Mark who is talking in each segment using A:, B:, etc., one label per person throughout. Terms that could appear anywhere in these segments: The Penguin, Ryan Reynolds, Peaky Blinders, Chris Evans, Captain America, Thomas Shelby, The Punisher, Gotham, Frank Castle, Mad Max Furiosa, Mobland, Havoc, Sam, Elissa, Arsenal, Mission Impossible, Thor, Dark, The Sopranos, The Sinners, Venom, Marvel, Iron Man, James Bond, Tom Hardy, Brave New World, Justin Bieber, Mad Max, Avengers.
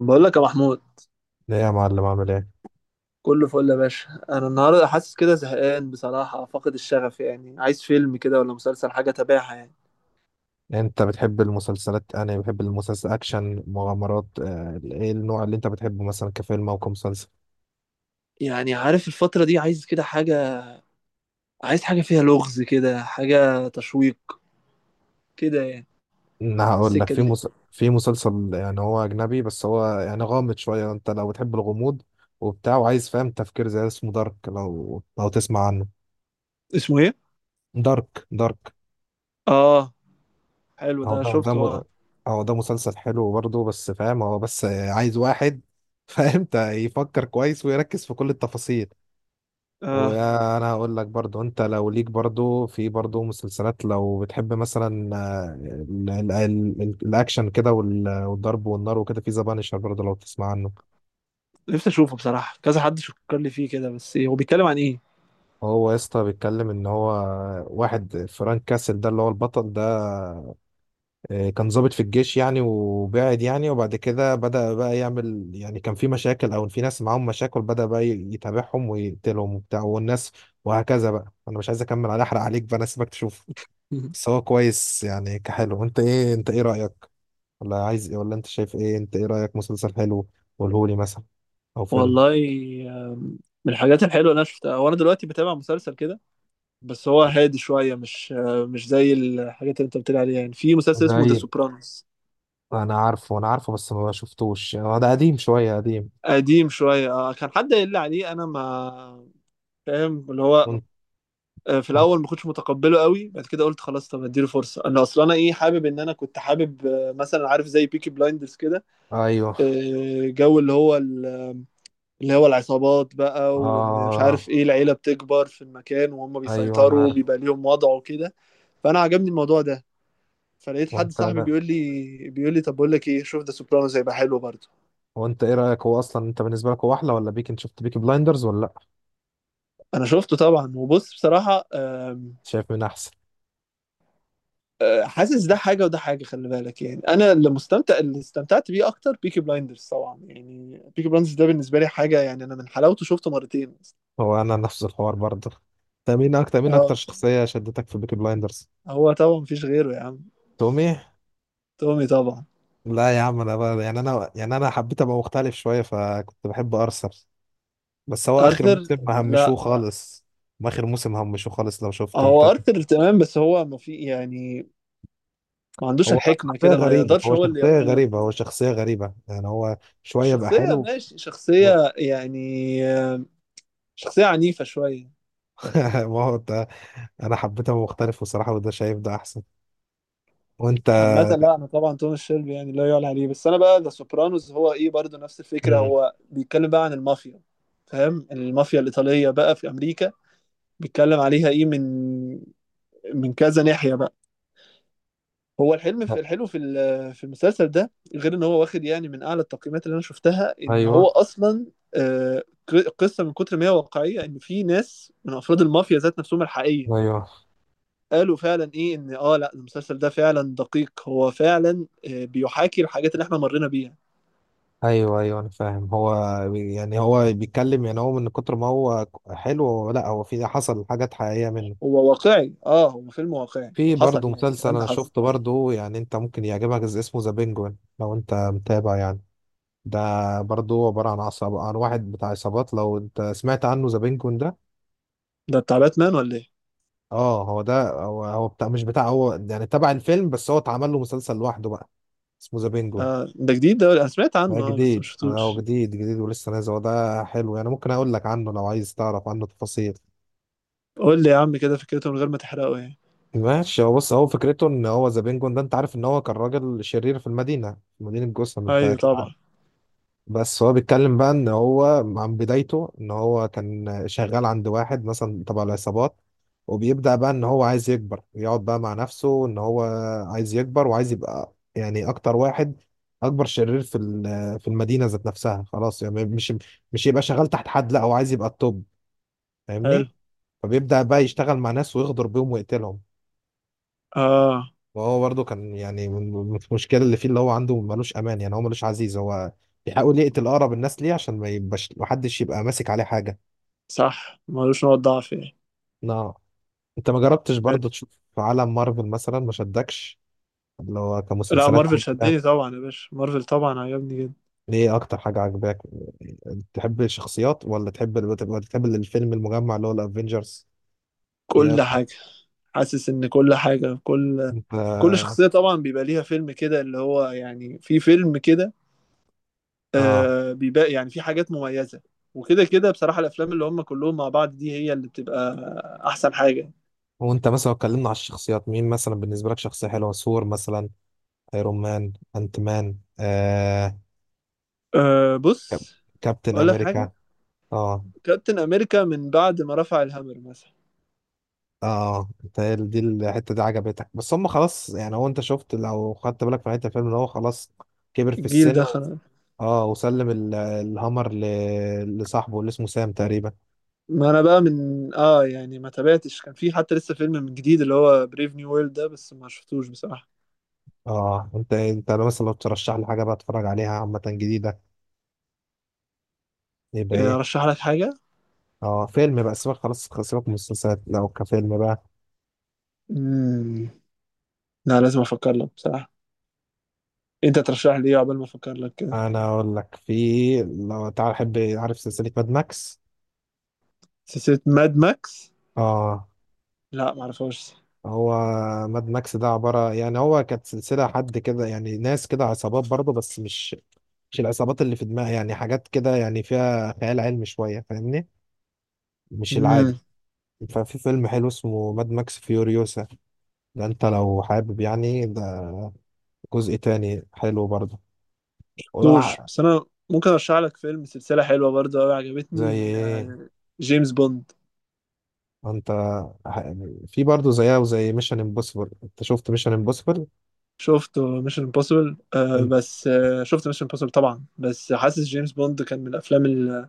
A: بقول لك يا محمود،
B: لا يا معلم، عامل ايه؟
A: كله فل يا باشا. انا النهارده حاسس كده زهقان بصراحه، فاقد الشغف يعني. عايز فيلم كده ولا مسلسل، حاجه اتابعها يعني.
B: انت بتحب المسلسلات؟ انا بحب المسلسل اكشن مغامرات. ايه النوع اللي انت بتحبه مثلا كفيلم او كمسلسل؟
A: يعني عارف الفتره دي عايز كده حاجه، عايز حاجه فيها لغز كده، حاجه تشويق كده يعني.
B: انا هقول لك
A: السكه
B: في
A: دي.
B: مس... في مسلسل، يعني هو اجنبي بس هو يعني غامض شويه. انت لو بتحب الغموض وبتاع وعايز فاهم تفكير زي ده، اسمه دارك. لو تسمع عنه.
A: اسمه ايه؟
B: دارك دارك.
A: اه، حلو،
B: هو
A: ده
B: ده ده
A: شفته، اه
B: م... هو ده مسلسل حلو برضه، بس فاهم، هو بس عايز واحد فاهم يفكر كويس ويركز في كل التفاصيل.
A: اه.
B: وانا هقول لك برضو، انت لو ليك برضو في برضو مسلسلات، لو بتحب مثلا الاكشن كده والضرب والنار وكده، في ذا بانشر برضو لو تسمع عنه.
A: نفسي اشوفه بصراحه، كذا حد شكر لي فيه كده، بس إيه، هو بيتكلم عن ايه؟
B: هو يا اسطى بيتكلم ان هو واحد فرانك كاسل ده اللي هو البطل ده. كان ضابط في الجيش يعني، وبعد كده بدأ بقى يعمل، يعني كان في مشاكل او في ناس معاهم مشاكل، بدأ بقى يتابعهم ويقتلهم وبتاع والناس، وهكذا بقى. انا مش عايز اكمل، على احرق عليك بقى، انا سيبك تشوف. بس هو كويس يعني كحلو. انت ايه، انت ايه رأيك؟ ولا عايز ايه؟ ولا انت شايف ايه؟ انت ايه رأيك؟ مسلسل حلو، قولهولي مثلا، او فيلم.
A: والله، آم، من الحاجات الحلوه اللي انا شفتها وانا دلوقتي بتابع مسلسل كده، بس هو هادي شوية، مش زي الحاجات اللي انت بتقول عليها. يعني في مسلسل اسمه ذا
B: زي،
A: سوبرانوس.
B: انا عارفه انا عارفه، بس ما شفتوش، هو ده قديم شوية قديم.
A: قديم شوية، كان حد قايل لي عليه، انا ما فاهم اللي هو
B: وانت؟
A: آه، في
B: وانت؟
A: الاول ما كنتش متقبله قوي، بعد كده قلت خلاص طب اديله فرصة. انا اصلا انا ايه، حابب ان انا كنت حابب مثلا، عارف زي بيكي بلايندرز كده،
B: ايوه.
A: جو اللي هو العصابات بقى، وان مش عارف
B: اه.
A: ايه، العيلة بتكبر في المكان وهم
B: ايوه انا
A: بيسيطروا
B: عارف.
A: بيبقى ليهم وضع وكده. فانا عجبني الموضوع ده، فلقيت حد
B: وانت؟
A: صاحبي
B: لا،
A: بيقول لي طب بقول لك ايه، شوف ذا سوبرانوز هيبقى حلو برضه.
B: وانت ايه رأيك؟ هو اصلا انت بالنسبة لك هو احلى ولا بيك؟ انت شفت بيكي بلايندرز ولا لا؟
A: انا شفته طبعا، وبص بصراحه، آم،
B: شايف مين احسن؟
A: آه، حاسس ده حاجه وده حاجه، خلي بالك يعني. انا اللي مستمتع، اللي استمتعت بيه اكتر بيكي بلايندرز طبعا. يعني بيكي بلايندرز ده بالنسبه لي حاجه، يعني انا من حلاوته شفته مرتين.
B: هو انا نفس الحوار برضه. انت مين اكتر، مين
A: اه
B: اكتر
A: بصراحة،
B: شخصية شدتك في بيكي بلايندرز؟
A: هو طبعا مفيش غيره يا عم.
B: تومي؟
A: تومي طبعا.
B: لا يا عم، انا بقى يعني، انا حبيت ابقى مختلف شويه فكنت بحب ارسنال. بس هو اخر
A: ارثر؟
B: موسم
A: لا،
B: همشوه خالص. ما اخر موسم همشوه خالص لو شفت انت.
A: هو ارثر تمام بس هو ما في يعني، ما عندوش
B: هو
A: الحكمه
B: شخصيه
A: كده، ما
B: غريبه،
A: يقدرش
B: هو
A: هو اللي
B: شخصيه
A: يقود.
B: غريبه هو شخصيه غريبه يعني، هو شويه بقى
A: شخصيه
B: حلو.
A: ماشي،
B: و-
A: شخصيه يعني، آه، شخصية عنيفة شوية.
B: ما هو ده. انا حبيت ابقى مختلف بصراحه، وده شايف ده احسن. وانت؟
A: عامة لا، أنا طبعا توماس شيلبي يعني لا يعلى عليه. بس أنا بقى ذا سوبرانوز هو إيه، برضه نفس الفكرة.
B: مم.
A: هو بيتكلم بقى عن المافيا، فاهم، المافيا الإيطالية بقى في أمريكا. بيتكلم عليها إيه، من كذا ناحية بقى. هو الحلم في الحلو في المسلسل ده، غير إن هو واخد يعني من أعلى التقييمات اللي أنا شفتها. إن هو
B: ايوه
A: أصلا قصة من كتر ما هي واقعية، إن في ناس من أفراد المافيا ذات نفسهم الحقيقية
B: ايوه،
A: قالوا فعلا ايه ان اه لا، المسلسل ده فعلا دقيق، هو فعلا بيحاكي الحاجات اللي احنا مرينا بيها.
B: ايوه ايوه انا فاهم. هو يعني هو بيتكلم، يعني هو من كتر ما هو حلو، هو لا هو في، حصل حاجات حقيقيه منه.
A: هو واقعي، اه هو فيلم واقعي
B: في برضه
A: حصل، يعني
B: مسلسل
A: الكلام ده
B: انا
A: حصل.
B: شفته برضه، يعني انت ممكن يعجبك، اسمه ذا بينجوين لو انت متابع يعني. ده برضه عبارة عن عصب، عن واحد بتاع عصابات، لو انت سمعت عنه، ذا بينجوين ده.
A: ده بتاع باتمان ولا ايه؟
B: اه هو ده، هو بتاع، مش بتاع، هو يعني تبع الفيلم، بس هو اتعمل له مسلسل لوحده بقى، اسمه ذا بينجوين.
A: آه، ده جديد ده ولا إيه؟ انا سمعت
B: ده
A: عنه اه بس ما
B: جديد، اه
A: شفتوش.
B: جديد جديد ولسه نازل. هو ده حلو يعني، ممكن اقول لك عنه لو عايز تعرف عنه تفاصيل.
A: قول لي يا عم كده فكرته من غير ما تحرقه يعني.
B: ماشي، هو بص، هو فكرته ان هو ذا بينجوين ده، انت عارف ان هو كان راجل شرير في المدينة، في مدينة جوثام، انت
A: ايوه
B: اكيد.
A: طبعا.
B: بس هو بيتكلم بقى ان هو عن بدايته، ان هو كان شغال عند واحد مثلا تبع العصابات، وبيبدأ بقى ان هو عايز يكبر، يقعد بقى مع نفسه ان هو عايز يكبر وعايز يبقى يعني اكتر واحد، اكبر شرير في في المدينة ذات نفسها. خلاص يعني مش، مش يبقى شغال تحت حد، لا هو عايز يبقى التوب،
A: حلو.
B: فاهمني. فبيبدأ بقى يشتغل مع ناس ويغدر بيهم ويقتلهم.
A: اه.
B: وهو برضه كان يعني المشكله اللي فيه اللي هو عنده، ملوش امان يعني، هو ملوش عزيز، هو بيحاول يقتل اقرب الناس ليه عشان ما يبقاش محدش يبقى ماسك عليه حاجه.
A: صح، ملوش نقط ضعف يعني.
B: لا. انت ما جربتش برضه
A: حلو.
B: تشوف في عالم مارفل مثلا؟ ما شدكش اللي هو
A: لا،
B: كمسلسلات
A: مارفل
B: او افلام؟
A: شدني طبعا يا باشا، مارفل طبعا عجبني جدا.
B: ليه؟ اكتر حاجه عجباك، تحب الشخصيات ولا تحب، ولا تحب الفيلم المجمع اللي هو الافينجرز؟ ايه
A: كل
B: اكتر؟
A: حاجة، حاسس ان كل حاجة، كل
B: انت.
A: كل شخصية طبعًا بيبقى ليها فيلم كده، اللي هو يعني في فيلم كده،
B: اه.
A: بيبقى يعني في حاجات مميزة، وكده كده، بصراحة الأفلام اللي هم كلّهم مع بعض دي هي اللي بتبقى أحسن حاجة.
B: وانت مثلا لو اتكلمنا على الشخصيات، مين مثلا بالنسبه لك شخصيه حلوه؟ ثور مثلا، ايرون مان، انت مان، آه، كاب-
A: بُص،
B: كابتن
A: أقول لك حاجة،
B: امريكا. اه.
A: كابتن أمريكا من بعد ما رفع الهامر مثلًا،
B: اه انت دي الحته دي عجبتك، بس هم خلاص يعني، هو انت شفت لو خدت بالك في نهايه الفيلم ان هو خلاص كبر في
A: الجيل
B: السن
A: ده
B: و...
A: خلا.
B: اه وسلم الهامر ل... لصاحبه اللي اسمه سام تقريبا.
A: ما أنا بقى من يعني ما تابعتش، كان في حتى لسه فيلم من جديد اللي هو brave new world ده، بس ما شفتوش بصراحة.
B: اه انت، انت لو مثلا لو ترشح لي حاجه بقى اتفرج عليها عامه جديده، يبقى ايه؟
A: أرشّح لك حاجة؟
B: اه فيلم بقى، سيبك خلاص سيبك من المسلسلات، لو كفيلم بقى.
A: إمم، لأ لازم أفكّر لك بصراحة. أنت ترشّح لي إيه عقبال ما أفكّر لك كده؟
B: انا اقول لك، في لو تعال، احب عارف سلسله ماد ماكس؟
A: سلسلة ماد ماكس؟
B: اه.
A: لا معرفهاش.
B: هو ماد ماكس ده عبارة يعني، هو كانت سلسلة حد كده، يعني ناس كده عصابات برضه، بس مش مش العصابات اللي في دماغي، يعني حاجات كده يعني فيها خيال علمي شوية، فاهمني، مش العادي.
A: امم،
B: ففي فيلم حلو اسمه ماد ماكس فيوريوسا، ده انت لو حابب يعني، ده جزء تاني حلو برضه.
A: دوش
B: ولا
A: بس انا ممكن ارشح لك فيلم، سلسلة حلوة برضه قوي
B: زي
A: عجبتني،
B: ايه؟
A: جيمس بوند.
B: انت ح- في برضه زيها، وزي ميشن امبوسيبل. انت شفت ميشن امبوسيبل؟
A: شفت ميشن امبوسيبل آه بس آه، شفت ميشن امبوسيبل طبعا، بس حاسس جيمس بوند كان من الافلام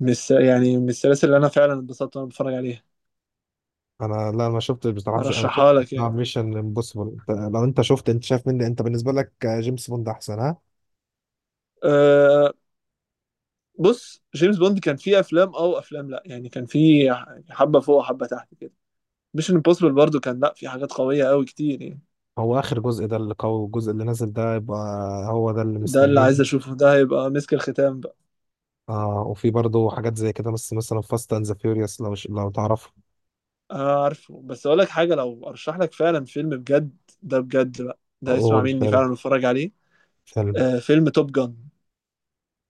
A: يعني من السلاسل اللي انا فعلا اتبسطت وانا بتفرج عليها.
B: انا لا ما شفتش بصراحه، مش، انا شفت
A: ارشحها لك
B: بتاع
A: يعني.
B: ميشن امبوسيبل. لو انت شفت، انت شايف مني، انت بالنسبه لك جيمس بوند احسن، ها؟
A: آه، بص، جيمس بوند كان فيه افلام او افلام، لا يعني كان فيه حبة فوق وحبة تحت كده. ميشن امبوسيبل برضه كان لا، في حاجات قوية قوي كتير يعني.
B: هو اخر جزء ده اللي قوي، الجزء اللي نازل ده يبقى هو ده اللي
A: ده اللي عايز
B: مستنين.
A: اشوفه، ده هيبقى مسك الختام بقى.
B: آه، وفي برضه حاجات زي كده، بس مثلا فاست اند ذا فيوريوس، لو تعرفه.
A: آه عارفه، بس اقول لك حاجه، لو ارشح لك فعلا فيلم بجد، ده بجد بقى ده،
B: هو
A: اسمع مني
B: الفيلم،
A: فعلا واتفرج عليه،
B: فيلم،
A: آه، فيلم توب جان.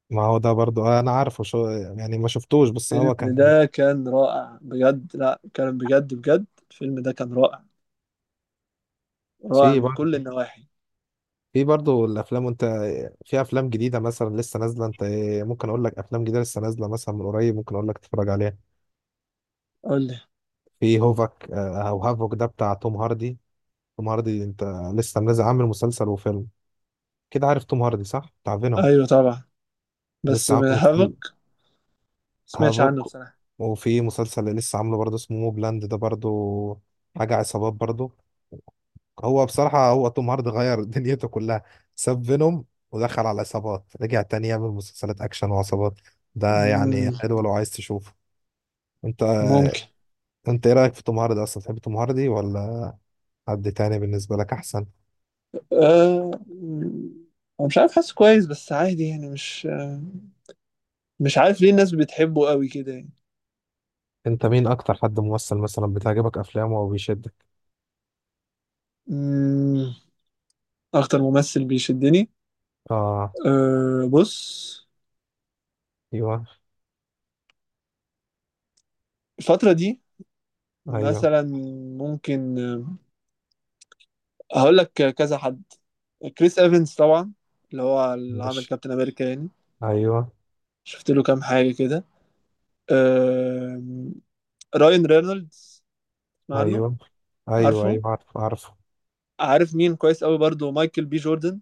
B: ما هو ده برضه آه انا عارفه، شو يعني، ما شفتوش، بس
A: الفيلم
B: هو كان.
A: ده كان رائع بجد، لا كان بجد بجد، الفيلم ده كان رائع، رائع
B: في
A: من كل
B: برضه،
A: النواحي.
B: في برضه الافلام، وانت، في افلام جديده مثلا لسه نازله. انت ممكن اقول لك افلام جديده لسه نازله مثلا من قريب، ممكن اقول لك تتفرج عليها.
A: قول لي.
B: في هوفك او هافوك، ده بتاع توم هاردي. توم هاردي انت، لسه منزل، عامل مسلسل وفيلم كده. عارف توم هاردي صح، بتاع فينوم؟
A: ايوه طبعا، بس
B: لسه عامل
A: من هافك
B: مسلسل
A: ما سمعتش عنه
B: هافوك،
A: بصراحه.
B: وفي مسلسل اللي لسه عامله برضه اسمه موبلاند، ده برضه حاجة عصابات برضه. هو بصراحة، هو توم هاردي غير دنيته كلها، ساب فينوم ودخل على عصابات، رجع تاني يعمل مسلسلات أكشن وعصابات. ده يعني
A: مم،
B: حلو لو عايز تشوفه. انت،
A: ممكن.
B: انت ايه رأيك في توم هاردي اصلا؟ تحب توم هاردي ولا حد تاني بالنسبة لك احسن؟
A: آه مم، أنا مش عارف، حاسه كويس بس عادي يعني، مش مش عارف ليه الناس بتحبه قوي كده يعني.
B: انت مين اكتر حد ممثل مثلا بتعجبك افلامه او بيشدك؟
A: مم، اكتر ممثل بيشدني،
B: اه.
A: أه بص،
B: ايوه.
A: الفترة دي
B: ايوه.
A: مثلا، ممكن هقول لك كذا حد. كريس ايفنز طبعا، اللي هو اللي عامل
B: ماشي.
A: كابتن امريكا يعني،
B: ايوه.
A: شفت له كام حاجة كده. أه، راين رينولدز، اسمع عنه،
B: ايوه ايوه،
A: عارفه.
B: ايوه عارف عارف.
A: عارف مين كويس قوي برضو؟ مايكل بي جوردن،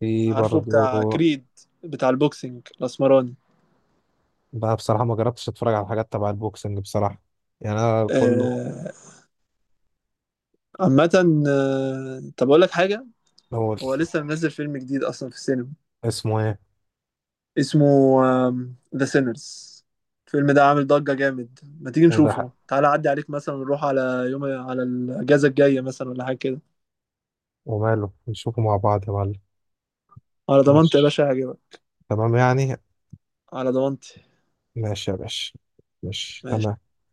B: في
A: عارفه، بتاع
B: برضو.
A: كريد، بتاع البوكسينج الاسمراني.
B: بقى بصراحة ما جربتش اتفرج على حاجات تبع البوكسنج بصراحة، يعني انا كله.
A: آه، عامة طب أقول لك حاجة،
B: اول،
A: هو لسه منزل فيلم جديد أصلا في السينما،
B: اسمه ايه؟
A: اسمه ذا سينرز. الفيلم ده عامل ضجة جامد، ما تيجي
B: وده
A: نشوفه،
B: حق.
A: تعالى عدي عليك مثلا، نروح على يوم على الأجازة الجاية مثلا ولا حاجة كده.
B: وماله نشوفه مع بعض يا معلم.
A: على ضمانتي يا
B: ماشي
A: باشا هجيبك.
B: تمام يعني.
A: على ضمانتي.
B: ماشي يا باشا، ماشي تمام.
A: ماشي.